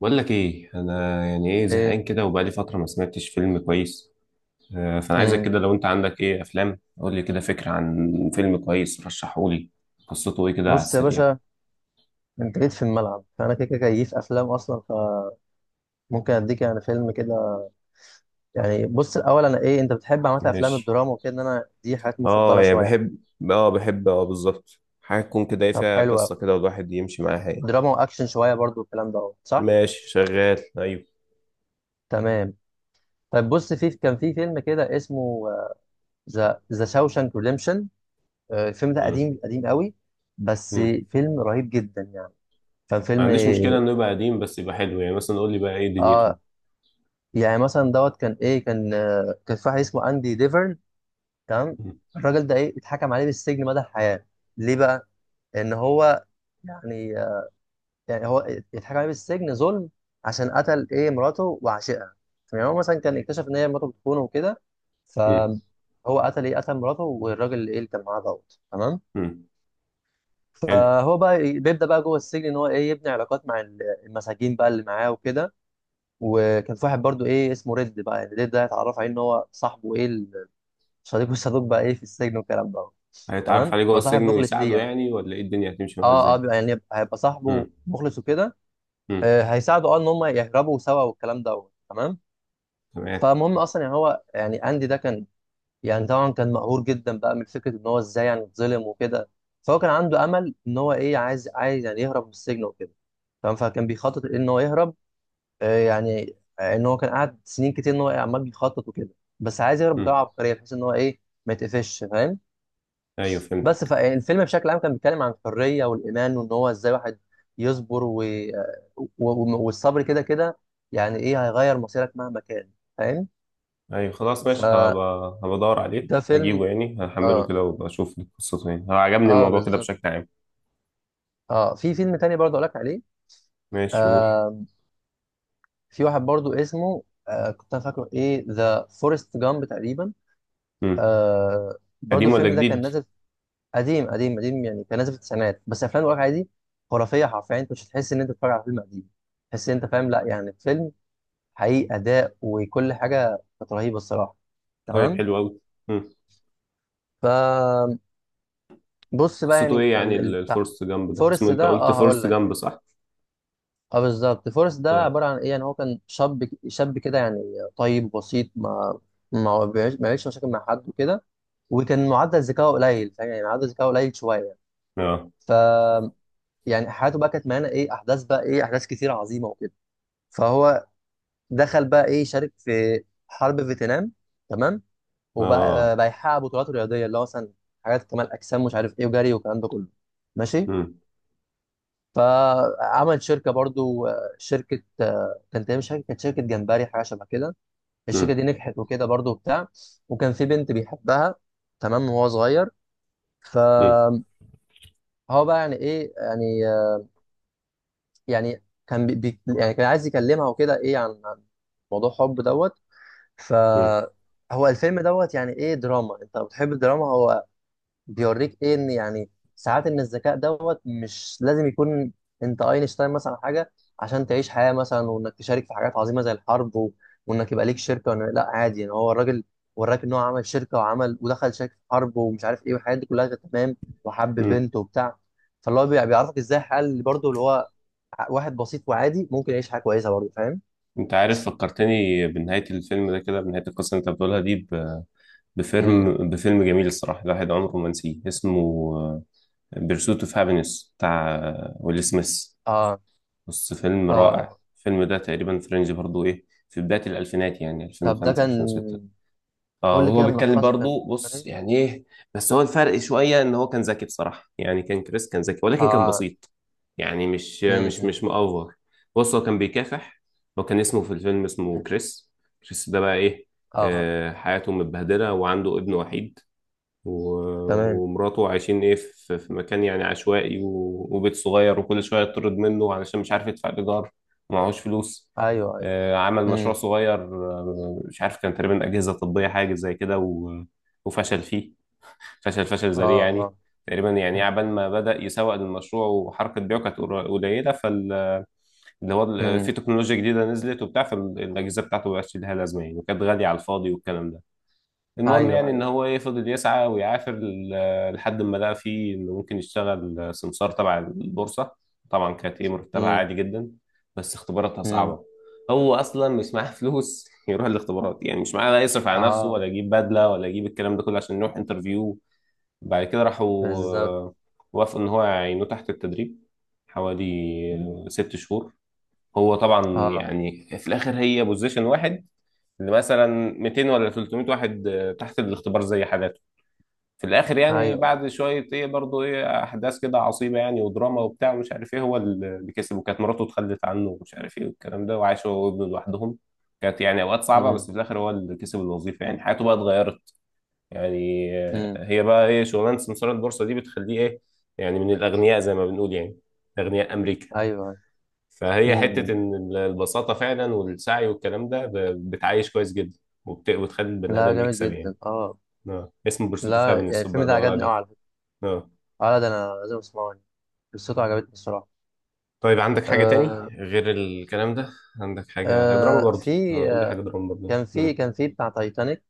بقول لك ايه، انا يعني ايه ايه. زهقان كده وبقالي فتره ما سمعتش فيلم كويس. فانا عايزك امم. كده، لو انت عندك ايه افلام قول لي كده فكره عن فيلم كويس، رشحه لي. قصته ايه كده على بص يا السريع؟ باشا. انت جيت في الملعب، فانا كده كده جاي في افلام اصلا. فممكن اديك يعني فيلم كده. يعني بص، الاول انا ايه انت بتحب عامه افلام ماشي. الدراما وكده، ان انا دي حاجات اه مفضله يعني شويه. بحب اه بحب، اه بالظبط، حاجة تكون كده ايه، طب فيها حلو قصة قوي. كده والواحد يمشي معاها يعني. دراما واكشن شويه برضو، الكلام ده أهو، صح. ماشي شغال، ايوه. تمام. طب بص، كان في فيلم كده اسمه ذا شاوشانك ريديمشن. الفيلم ده مم. قديم قديم قوي. بس مم. فيلم رهيب جدا يعني. كان ما فيلم. عنديش مشكله انه يبقى قديم، بس يبقى حلو. يعني مثلا قول لي بقى ايه دنيته. اه يعني مثلا دوت كان ايه كان، كان في واحد اسمه اندي ديفرن. تمام. مم. الراجل ده ايه، اتحكم عليه بالسجن مدى الحياه. ليه بقى؟ ان هو يعني، يعني هو اتحكم عليه بالسجن ظلم عشان قتل ايه مراته وعشقها. يعني هو مثلا كان اكتشف ان هي مراته بتخونه وكده، مم. فهو قتل ايه، قتل مراته والراجل ايه اللي كان معاه دوت. تمام. مم. حلو. فهو بقى بيبدا بقى جوه السجن ان هو ايه، يبني علاقات مع المساجين بقى اللي معاه وكده. وكان في واحد برضو ايه اسمه ريد بقى، يعني ريد ده اتعرف عليه ان هو صاحبه ايه، صديق والصدوق بقى ايه في السجن والكلام ده. هيتعرف تمام عليه جوه بقى صاحب السجن مخلص ليه ويساعده يعني. يعني، ولا ايه الدنيا هتمشي معاه اه اه، ازاي؟ بيبقى يعني هيبقى صاحبه مم. مخلص وكده. مم. آه هيساعده اه ان هم يهربوا سوا والكلام ده. تمام. تمام. فالمهم اصلا يعني هو يعني اندي ده كان، يعني طبعا كان مقهور جدا بقى من فكره ان هو ازاي يعني اتظلم وكده. فهو كان عنده امل ان هو ايه، عايز يعني يهرب من السجن وكده. تمام، فكان بيخطط ان هو يهرب. آه يعني ان هو كان قاعد سنين كتير ان هو عمال بيخطط وكده. بس عايز يهرب بطريقه مم. عبقريه بحيث ان هو ايه، ما يتقفش، فاهم؟ ايوه بس فهمتك. فالفيلم بشكل عام كان بيتكلم عن الحرية والإيمان وإن هو إزاي واحد يصبر والصبر كده كده، يعني إيه هيغير مصيرك مهما كان، فاهم؟ ايوه خلاص ماشي، فده هبدور عليه فيلم. هجيبه، يعني هحمله آه، كده واشوف قصته. يعني هو عجبني آه الموضوع كده بالظبط. بشكل عام. آه، في فيلم تاني برضه أقول لك عليه. ماشي قول. آه، في واحد برضه اسمه آه، كنت أنا فاكره إيه، ذا فورست جامب تقريبا. مم. آه، برضه قديم ولا الفيلم ده كان جديد؟ نازل. قديم قديم قديم، يعني كان نازل في التسعينات. بس أفلام الواقع دي خرافية حرفيا، أنت مش هتحس إن أنت بتتفرج على فيلم قديم. تحس إن أنت فاهم، لا يعني فيلم حقيقي، اداء وكل حاجه كانت رهيبه الصراحه. طيب تمام. حلو قوي. فبص بقى، قصته يعني ايه يعني بتاع الفورست جامب ده اسمه؟ فورست انت ده قلت اه هقول فورست لك جامب يعني. صح؟ اه بالظبط، فورست ده طيب. عباره عن ايه، يعني هو كان شاب شاب كده يعني، طيب بسيط. ما بيعيش مشاكل مع حد وكده، وكان معدل ذكائه قليل، فاهم؟ يعني معدل ذكائه قليل شويه يعني. اه ف يعني حياته بقى كانت مليانه ايه، احداث بقى ايه، احداث كتير عظيمه وكده. فهو دخل بقى ايه، شارك في حرب فيتنام. تمام. وبقى اه. بقى يحقق بطولات رياضيه، اللي هو مثلا حاجات كمال اجسام مش عارف ايه وجري والكلام ده كله. ماشي. مم. فعمل شركه برضو، شركه، كانت تقريباً شركه، كانت شركه جمبري حاجه شبه كده. الشركه دي مم. نجحت وكده برضو وبتاع. وكان في بنت بيحبها تمام وهو صغير. مم. فهو بقى يعني ايه، يعني يعني كان يعني كان عايز يكلمها وكده ايه عن موضوع حب دوت. ف مم. هو الفيلم دوت يعني ايه، دراما. انت لو بتحب الدراما، هو بيوريك ايه، ان يعني ساعات ان الذكاء دوت مش لازم يكون انت اينشتاين مثلا أو حاجه، عشان تعيش حياه مثلا، وانك تشارك في حاجات عظيمه زي الحرب و... وانك يبقى ليك شركه وإن... لا عادي يعني، هو الراجل وراك ان هو عمل شركه وعمل ودخل شركه في حرب ومش عارف ايه والحاجات دي كلها كانت تمام. وحب مم. بنت وبتاع. فاللي هو بيعرفك ازاي الحياه اللي برضه اللي هو واحد بسيط وعادي ممكن يعيش حياه كويسه برضه، فاهم؟ انت عارف فكرتني بنهاية الفيلم ده كده، بنهاية القصة اللي انت بتقولها دي، امم. بفيلم جميل الصراحة، الواحد عمره ما نسيه. اسمه بيرسوت اوف هابينس بتاع ويل سميث. اه بص فيلم رائع اه. الفيلم ده، تقريبا فرنج برضو ايه في بداية الألفينات، يعني طب ده 2005 كان. 2006. اه قول لي وهو كده بيتكلم ملخصه، كان برضو، بص ايه؟ يعني ايه، بس هو الفرق شوية ان هو كان ذكي بصراحة. يعني كان كريس كان ذكي، ولكن كان اه. بسيط. يعني مش مش امم. مش مأفور. بص هو كان بيكافح. هو كان اسمه في الفيلم اسمه كريس. كريس ده بقى ايه، اه. حياته متبهدلة وعنده ابن وحيد، تمام. ومراته عايشين ايه في في مكان يعني عشوائي، وبيت صغير، وكل شويه يطرد منه علشان مش عارف يدفع الايجار. ومعهوش فلوس. ايوه ايوه. عمل مشروع امم. صغير، مش عارف كان تقريبا اجهزه طبيه حاجه زي كده، وفشل فيه. فشل اه ذريع اه. يعني. تقريبا يعني عبال ما بدأ يسوق للمشروع وحركة بيعه كانت قليلة، فاللي هو في امم. تكنولوجيا جديدة نزلت وبتاع، فالأجهزة بتاعته مبقاش لها لازمة يعني، وكانت غالية على الفاضي والكلام ده. المهم ايوه يعني ان ايوه. هو ايه، فضل يسعى ويعافر لحد ما لقى فيه انه ممكن يشتغل سمسار تبع البورصه. طبعا كانت ايه مرتبها امم. عادي جدا، بس اختباراتها امم. صعبه. هو اصلا مش معاه فلوس يروح الاختبارات يعني، مش معاه لا يصرف على نفسه، اه ولا يجيب بدله، ولا يجيب الكلام ده كله عشان يروح انترفيو. بعد كده راحوا، بالظبط. آه، وافقوا ان هو يعينوه تحت التدريب حوالي مم. ست شهور. هو طبعا اه. يعني في الاخر هي بوزيشن واحد، اللي مثلا 200 ولا 300 واحد تحت الاختبار زي حالاته. في الاخر ايوه يعني ايوه. بعد شويه ايه برضه ايه احداث كده عصيبه يعني ودراما وبتاع ومش عارف ايه، هو اللي كسب، وكانت مراته اتخلت عنه ومش عارف ايه والكلام ده، وعاش هو وابنه لوحدهم. كانت يعني اوقات صعبه، بس امم. في الاخر هو اللي كسب الوظيفه، يعني حياته بقى اتغيرت. يعني امم. هي بقى ايه شغلانه سمسار البورصه دي بتخليه ايه، يعني من الاغنياء زي ما بنقول يعني، اغنياء امريكا. ايوه ايوه. فهي امم. حتة إن البساطة فعلا والسعي والكلام ده بتعيش كويس جدا، وبتخلي البني لا آدم جامد يكسب يعني. جدا اه. اه اسمه برستو لا فابن يعني بقى الفيلم ده أدور عجبني قوي عليه. على فكره. اه اه لا ده انا لازم اسمعه يعني، قصته عجبتني الصراحه. طيب عندك حاجة تاني آه. غير الكلام ده؟ عندك حاجة هي دراما آه. برضه؟ في قول لي آه حاجة دراما برضه. كان في مم. كان في بتاع تايتانيك.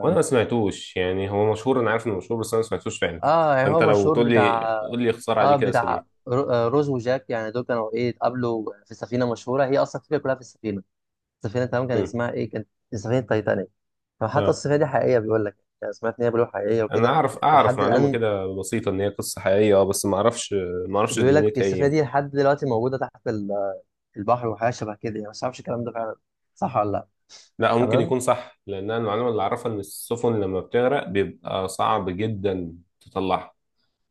وأنا ما سمعتوش يعني، هو مشهور، أنا عارف إنه مشهور، بس أنا ما سمعتوش فعلا. اه يعني فأنت هو لو مشهور تقول لي بتاع. قول لي اختصار عليه اه كده سريع. بتاع روز وجاك، يعني دول كانوا ايه، اتقابلوا في سفينه مشهوره، هي اصلا الفكره كلها في السفينه. السفينه تمام كان مم. اسمها ايه، كانت سفينه تايتانيك. فحتى اه السفينه دي حقيقيه بيقول لك، يعني سمعت ان هي بيقولوا حقيقيه أنا وكده. أعرف، أعرف ولحد معلومة الان كده بسيطة إن هي قصة حقيقية، أه بس ما أعرفش. ما أعرفش وبيقول لك دنيتها إيه السفينه يعني. دي لحد دلوقتي موجوده تحت البحر وحاجه شبه كده يعني، بس ما اعرفش الكلام ده فعلا صح ولا لا. لا هو ممكن تمام. يكون صح، لان انا المعلومه اللي اعرفها ان السفن لما بتغرق بيبقى صعب جدا تطلعها.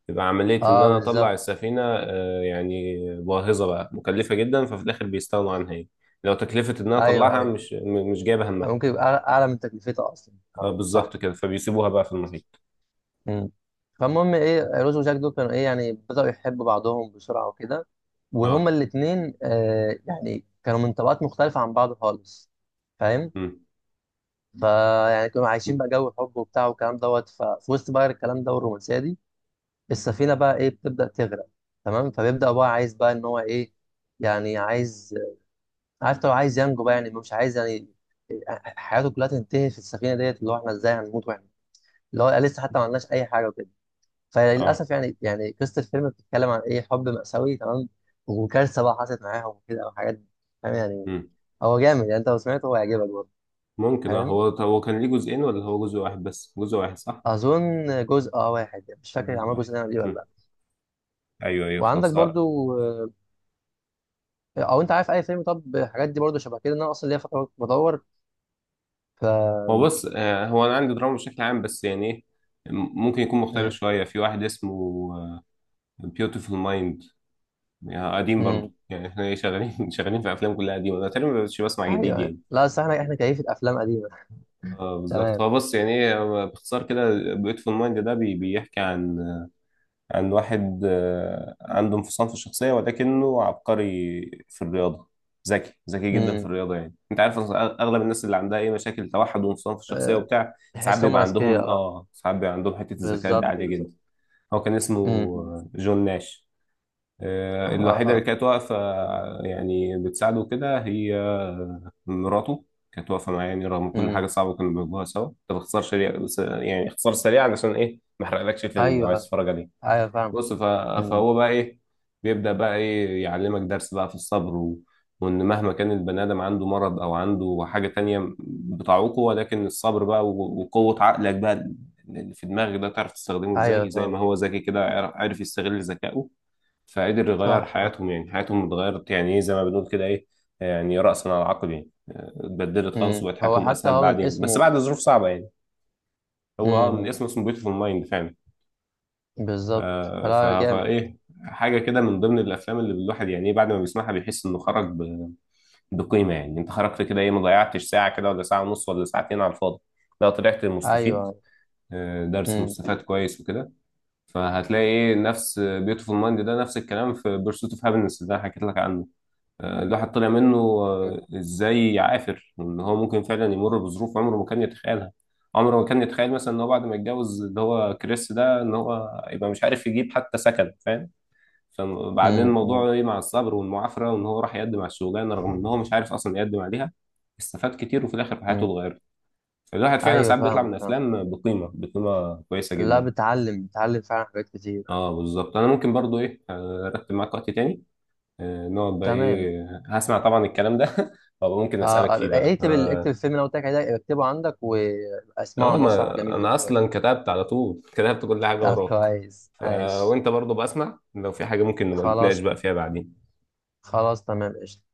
بيبقى عمليه ان اه انا بالظبط. اطلع السفينه يعني باهظه بقى، مكلفه جدا، ففي الاخر بيستغنوا عنها يعني. لو تكلفه ان انا ايوه اطلعها ايوه. مش مش جايبه همها. ممكن يبقى اعلى أعلى من تكلفتها اصلا، صح. بالظبط كده، فبيسيبوها بقى في المحيط. مم. فالمهم ايه، روز وجاك دول كانوا ايه، يعني بدأوا يحبوا بعضهم بسرعة وكده. اه. وهما الاتنين آه يعني كانوا من طبقات مختلفة عن بعض خالص، فاهم؟ امم. فيعني كانوا عايشين بقى جو حب وبتاع والكلام دوت. ففي وسط بقى الكلام ده والرومانسية دي، السفينة بقى ايه بتبدأ تغرق. تمام، فبيبدأ بقى عايز بقى ان هو ايه، يعني عايز، عارف لو عايز ينجو بقى يعني، مش عايز يعني حياته كلها تنتهي في السفينة ديت، اللي هو احنا ازاي هنموت واحنا اللي هو لسه حتى ما عملناش اي حاجة وكده. اه. فللاسف يعني، يعني قصه الفيلم بتتكلم عن ايه، حب مأساوي. تمام. وكارثه بقى حصلت معاهم وكده او حاجات، فاهم يعني. امم. هو جامد يعني، انت لو سمعته هو هيعجبك برضه. ممكن اه. فاهم. هو هو كان ليه جزئين ولا هو جزء واحد بس؟ جزء واحد صح؟ اظن جزء اه واحد يعني، مش فاكر جزء عمل واحد. جزء تاني ولا ايه ولا مم. لا. ايوه ايوه وعندك خلاص. برضو او انت عارف اي فيلم؟ طب الحاجات دي برضو شبه كده ان انا اصلا ليا فتره بدور. ف هو بص، هو انا عندي دراما بشكل عام، بس يعني ايه، ممكن يكون مختلف امم. شويه. في واحد اسمه بيوتيفول مايند. يعني قديم برضو، امم. يعني احنا ايه شغالين شغالين في افلام كلها قديمه، انا تقريبا ما بقتش بسمع جديد ايوه يعني. يعني. لا بس احنا كيفة افلام قديمه. اه بالظبط. تمام. هو بص يعني ايه، هو باختصار كده بيوتيفول مايند ده بيحكي عن، عن واحد عنده انفصام في الشخصية ولكنه عبقري في الرياضة. ذكي ذكي جدا في امم. الرياضة. يعني انت عارف أصلاً اغلب الناس اللي عندها اي مشاكل توحد وانفصام في الشخصية أه، وبتاع، ساعات تحس هم بيبقى اذكياء عندهم اه. اه، ساعات بيبقى عندهم حتة الذكاء دي بالظبط عالية بالظبط. جدا. هو كان اسمه امم. أمم. جون ناش. اه الوحيدة اللي اه. كانت واقفة يعني بتساعده كده، هي مراته. كانت واقفة معاه يعني رغم كل حاجة امم. صعبة كانوا بيواجهوها سوا. ده باختصار سريع يعني، اختصار سريع علشان ايه ما احرقلكش الفيلم لو عايز ايوه تتفرج عليه. ايوه فاهم. بص مم. فهو بقى ايه، بيبدأ بقى ايه يعلمك درس بقى في الصبر وان مهما كان البني ادم عنده مرض او عنده حاجة تانية بتعوقه، ولكن الصبر بقى وقوة عقلك بقى اللي في دماغك ده، تعرف تستخدمه ايوه ازاي. زي ما فاهم. هو ذكي كده، عرف يستغل ذكائه، فقدر يغير صح. حياتهم. يعني حياتهم اتغيرت يعني ايه، زي ما بنقول كده ايه، يعني رأسا على عقب، يعني اتبدلت خالص، مم. وبقت هو حياتهم حتى اسهل هو من بعدين، بس اسمه. بعد ظروف صعبة يعني. هو من مم. اسمه، اسمه بيوتيفول مايند فعلا. بالظبط، فلا جامد. فايه، حاجه كده من ضمن الافلام اللي الواحد يعني ايه بعد ما بيسمعها بيحس انه خرج بقيمه. يعني انت خرجت كده ايه، ما ضيعتش ساعه كده، ولا ساعه ونص، ولا ساعتين على الفاضي، لا طلعت مستفيد. ايوه. درس مم. مستفاد كويس وكده. فهتلاقي ايه نفس بيوتيفول مايند ده، نفس الكلام في بيرسوت اوف هابينس اللي انا حكيت لك عنه. الواحد طلع منه مم. ازاي عافر، ان هو ممكن فعلا يمر بظروف عمره ما كان يتخيلها. عمره ما كان يتخيل مثلا ان هو بعد ما يتجوز، اللي هو كريس ده، ان هو يبقى مش عارف يجيب حتى سكن، فاهم؟ فبعدين مم. مم. موضوعه ايه مع الصبر والمعافرة، وان هو راح يقدم على الشغلانة رغم ان هو مش عارف اصلا يقدم عليها. استفاد كتير، وفي الاخر حياته مم. اتغيرت. فالواحد فعلا ايوه ساعات بيطلع فاهمك من فاهم. افلام بقيمة كويسة لا جدا. بتعلم بتعلم فعلا حاجات كتير. اه بالظبط. انا ممكن برضو ايه ارتب معاك وقت تاني، نقعد بقى تمام. ايه، هسمع طبعا الكلام ده وابقى ممكن آه اسالك فيه آه، بقى اكتب اكتب اه. الفيلم اللي أنا قلت لك عليه ده، اكتبه عندك واسمعه، ما النص صح جميل انا جدا بجد. اصلا كتبت على طول، كتبت كل حاجة طب وراك. كويس ف... عايش. وانت برضو بسمع، لو في حاجة ممكن نبقى نتناقش خلاص. بقى فيها بعدين. خلاص تمام قشطة.